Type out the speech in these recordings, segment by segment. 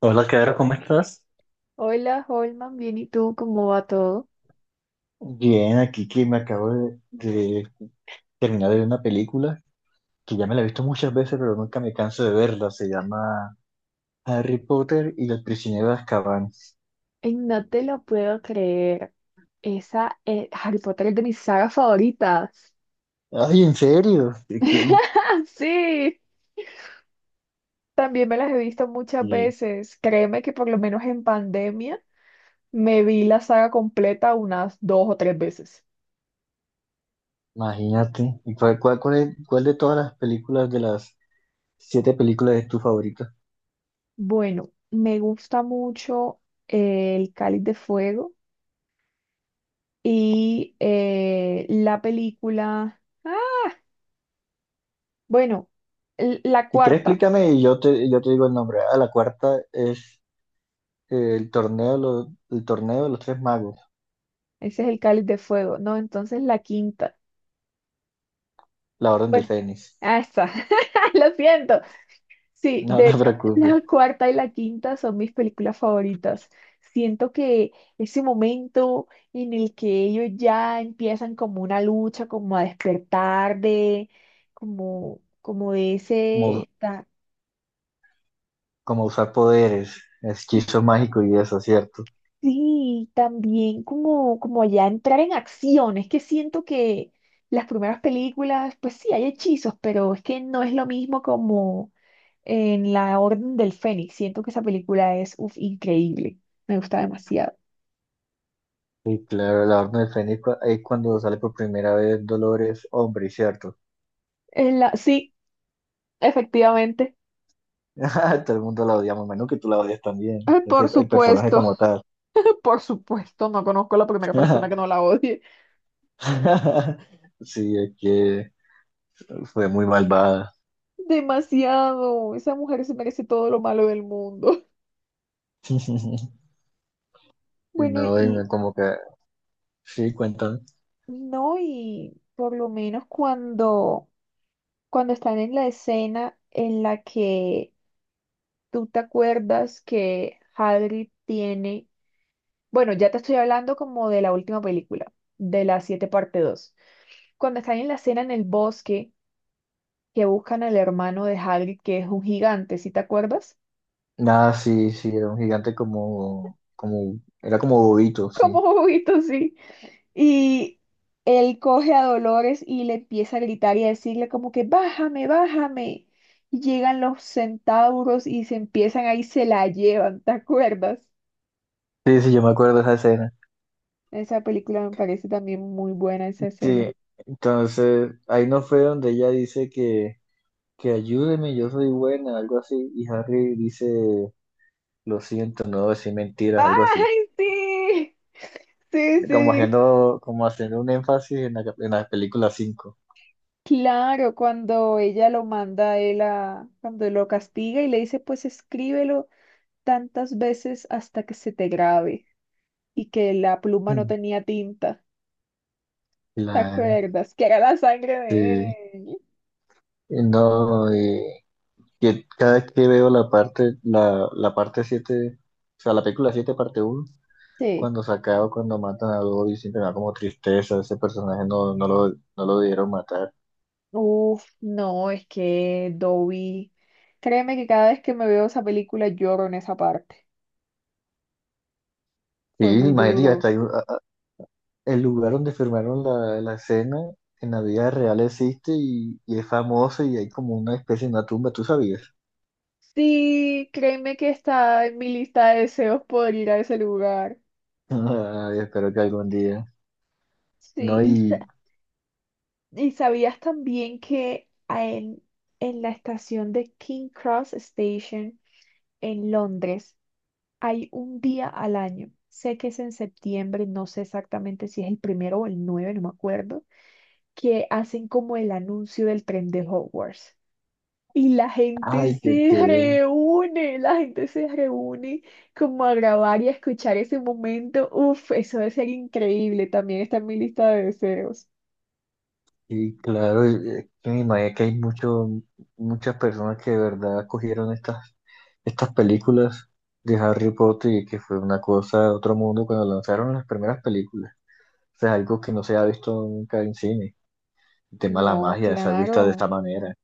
Hola, Caro, ¿cómo estás? Hola, Holman, bien, ¿y tú? ¿Cómo va todo? Bien, aquí que me acabo de terminar de ver una película que ya me la he visto muchas veces, pero nunca me canso de verla. Se llama Harry Potter y el prisionero de Azkaban. Ey, no te lo puedo creer. Esa Harry Potter es de mis sagas favoritas. Ay, ¿en serio? Sí, también me las he visto muchas y- veces. Créeme que por lo menos en pandemia me vi la saga completa unas dos o tres veces. Imagínate. ¿Y cuál de todas las películas, de las siete películas, es tu favorita? Bueno, me gusta mucho, El Cáliz de Fuego y, la película. Bueno, la Si quieres, cuarta. explícame y yo te digo el nombre. Ah, la cuarta es el torneo, el torneo de los tres magos, Ese es El Cáliz de Fuego. No, entonces la quinta. la Orden del Bueno, Fénix. Está. Lo siento. Sí, No de no te hecho, preocupes. la cuarta y la quinta son mis películas favoritas. Siento que ese momento en el que ellos ya empiezan como una lucha, como a despertar de, como de ese, está. Como usar poderes, hechizo mágico y eso, ¿cierto? Sí, también como, como ya entrar en acción. Es que siento que las primeras películas, pues sí, hay hechizos, pero es que no es lo mismo como en La Orden del Fénix. Siento que esa película es, uf, increíble. Me gusta demasiado. Y claro, la Orden del Fénix ahí cuando sale por primera vez Dolores, hombre, ¿cierto? Sí, efectivamente. Ah, todo el mundo la odiamos, menos que tú la odias también, Ay, es por el personaje supuesto, como tal. por supuesto, no conozco a la primera persona que no la odie. Sí, es que fue muy malvada. Demasiado. Esa mujer se merece todo lo malo del mundo. Bueno, No, y y como que, sí, cuentan. no, y por lo menos cuando... cuando están en la escena en la que tú te acuerdas que Hagrid tiene, bueno, ya te estoy hablando como de la última película, de la 7 parte 2. Cuando están en la escena en el bosque que buscan al hermano de Hagrid, que es un gigante, ¿sí te acuerdas? Nada, sí, sí, era un gigante era como bobito, sí. Como juguito, sí. Y él coge a Dolores y le empieza a gritar y a decirle como que bájame, bájame. Y llegan los centauros y se empiezan ahí, se la llevan, ¿te acuerdas? Sí, sí, yo me acuerdo de esa escena. Esa película me parece también muy buena esa escena. Sí, entonces ahí no fue donde ella dice que ayúdeme, yo soy buena, algo así, y Harry dice, lo siento, no voy a decir mentiras, algo así, ¡Ay, sí! Sí, como sí. haciendo, como haciendo un énfasis en la película cinco. Claro, cuando ella lo manda a él cuando lo castiga y le dice, pues escríbelo tantas veces hasta que se te grabe y que la pluma no Mm. tenía tinta. ¿Te Claro, acuerdas? Que era la sangre sí. de él. Y no, y que cada vez que veo la parte siete, o sea, la película 7 parte uno, Sí. cuando sacaba, cuando matan a Dobby, siempre me da como tristeza, ese personaje no, no lo dieron matar. Uf, no, es que Dobby, créeme que cada vez que me veo esa película lloro en esa parte. Sí, Fue muy imagínate, duro. hasta hay el lugar donde firmaron la escena en la vida real existe y es famoso y hay como una especie de una tumba, ¿tú sabías? Sí, créeme que está en mi lista de deseos poder ir a ese lugar. Ay, espero que algún día. No, Sí, y, y, y sabías también que en la estación de King Cross Station en Londres hay un día al año, sé que es en septiembre, no sé exactamente si es el 1 o el 9, no me acuerdo, que hacen como el anuncio del tren de Hogwarts. Y la gente ay, se reúne, la gente se reúne como a grabar y a escuchar ese momento. Uf, eso debe ser increíble. También está en mi lista de deseos. y claro, es que me imagino que hay muchas personas que de verdad cogieron estas películas de Harry Potter y que fue una cosa de otro mundo cuando lanzaron las primeras películas. O sea, algo que no se ha visto nunca en cine. El tema de la No, magia, se ha visto de claro. esta manera.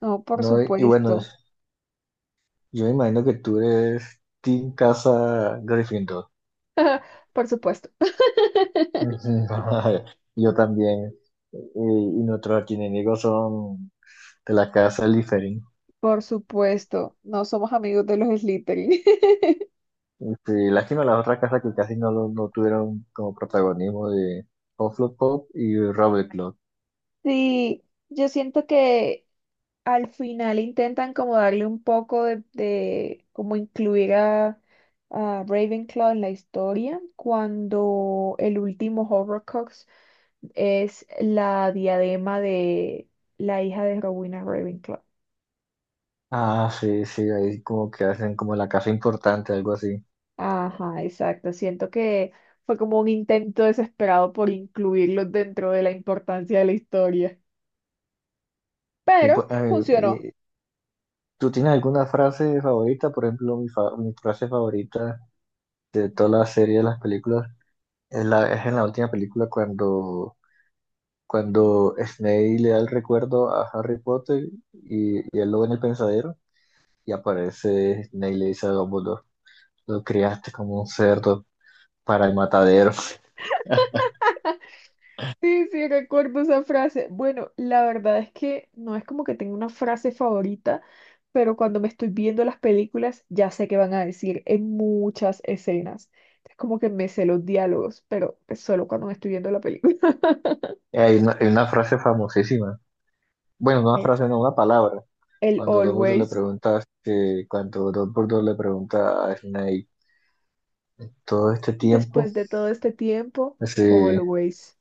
No, por No, y bueno, supuesto. yo me imagino que tú eres Team Casa Gryffindor. Por supuesto. Ujú. Yo también. Y, y nuestros archienemigos son de la casa Slytherin. Por supuesto. No somos amigos de los Slytherin. Y sí, lástima las otras casas que casi no, no tuvieron como protagonismo de Hufflepuff y Ravenclaw. Sí, yo siento que al final intentan como darle un poco como incluir a Ravenclaw en la historia cuando el último Horrocrux es la diadema de la hija de Rowena Ravenclaw. Ah, sí, sí, ahí como que hacen como la casa importante, algo así. Ajá, exacto. Siento que fue como un intento desesperado por incluirlos dentro de la importancia de la historia, Y, pero pues, funcionó. ¿Tú tienes alguna frase favorita? Por ejemplo, mi frase favorita de toda la serie de las películas es en la última película cuando Snape le da el recuerdo a Harry Potter y él lo ve en el pensadero y aparece Snape y le dice a Dumbledore, lo criaste como un cerdo para el matadero. Sí, sí, recuerdo esa frase. Bueno, la verdad es que no es como que tenga una frase favorita, pero cuando me estoy viendo las películas ya sé qué van a decir en muchas escenas. Es como que me sé los diálogos, pero es solo cuando me estoy viendo la película. Y hay una frase famosísima, bueno, no una El, frase, no, una palabra. el Cuando Dumbledore le always, pregunta, que, cuando Dumbledore le pregunta a Snape todo este después tiempo, de todo este tiempo, así, always.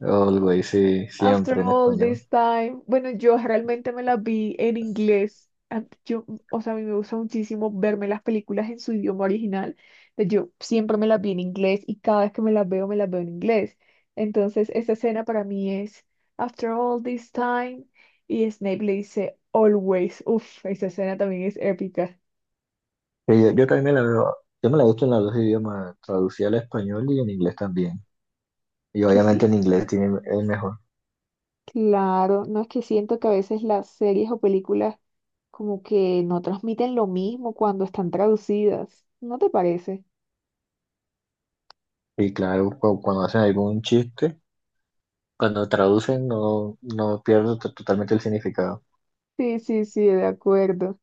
algo dice After siempre en all español. this time, bueno, yo realmente me las vi en inglés. Yo, o sea, a mí me gusta muchísimo verme las películas en su idioma original. Entonces, yo siempre me las vi en inglés y cada vez que me las veo en inglés. Entonces, esta escena para mí es After all this time y Snape le dice Always. Uf, esa escena también es épica. Sí, yo también me la veo, yo me la he visto en los dos idiomas, traducida al español y en inglés también. Y Que obviamente sí. en inglés tiene el mejor. Claro, no es que siento que a veces las series o películas como que no transmiten lo mismo cuando están traducidas, ¿no te parece? Y claro, cuando hacen algún chiste, cuando traducen no pierdo totalmente el significado. Sí, sí, sí, de acuerdo.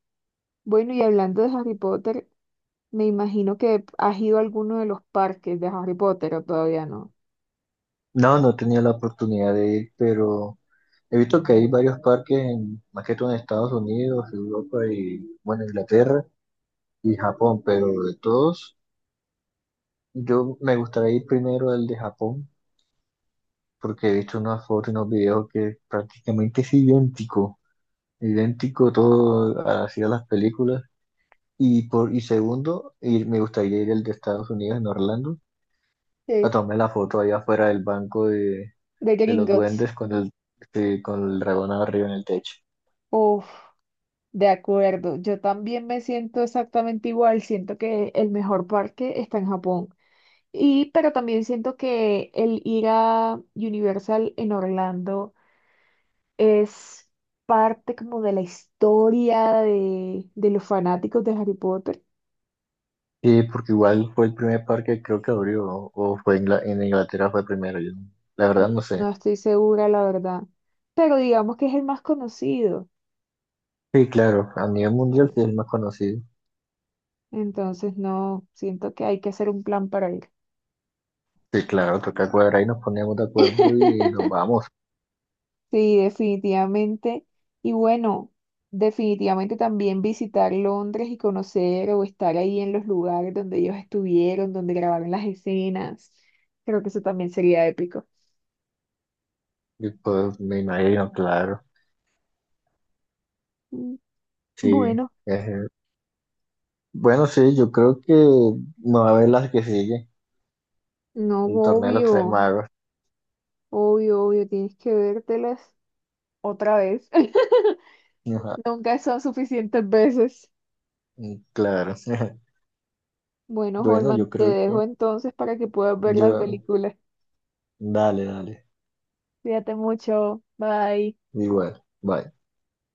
Bueno, y hablando de Harry Potter, me imagino que has ido a alguno de los parques de Harry Potter o todavía no. No, no tenía la oportunidad de ir, pero he visto que hay varios parques, más que todo en Estados Unidos, Europa y, bueno, Inglaterra y Japón, pero de todos, yo me gustaría ir primero al de Japón, porque he visto unas fotos y unos videos que es prácticamente es idéntico. Idéntico todo así a las películas. Y, y segundo, me gustaría ir al de Estados Unidos, en Orlando, a Sí, tomar la foto allá afuera del banco de, de de los Gringotts. duendes con el dragón arriba en el techo. Uf, de acuerdo. Yo también me siento exactamente igual. Siento que el mejor parque está en Japón. Y, pero también siento que el ir a Universal en Orlando es parte como de la historia de los fanáticos de Harry Potter. Sí, porque igual fue el primer parque que creo que abrió, o fue en Inglaterra fue primero, yo no- la verdad no No sé. estoy segura, la verdad. Pero digamos que es el más conocido. Sí, claro, a nivel mundial sí es el más conocido. Entonces, no, siento que hay que hacer un plan para ir. Sí, claro, toca cuadrar y nos ponemos de acuerdo y, nos vamos. Sí, definitivamente. Y bueno, definitivamente también visitar Londres y conocer o estar ahí en los lugares donde ellos estuvieron, donde grabaron las escenas. Creo que eso también sería épico. Y pues me imagino, claro, Mm. sí, Bueno, es Bueno, sí, yo creo que me va a ver las que sigue, no, el torneo de los tres obvio. magos. Obvio, obvio, tienes que vértelas otra vez. Ajá, Nunca son suficientes veces. mm, claro. Bueno, Bueno, Holman, yo te creo dejo que entonces para que puedas ver las yo, películas. dale, dale, Cuídate mucho. Bye. igual. Bye.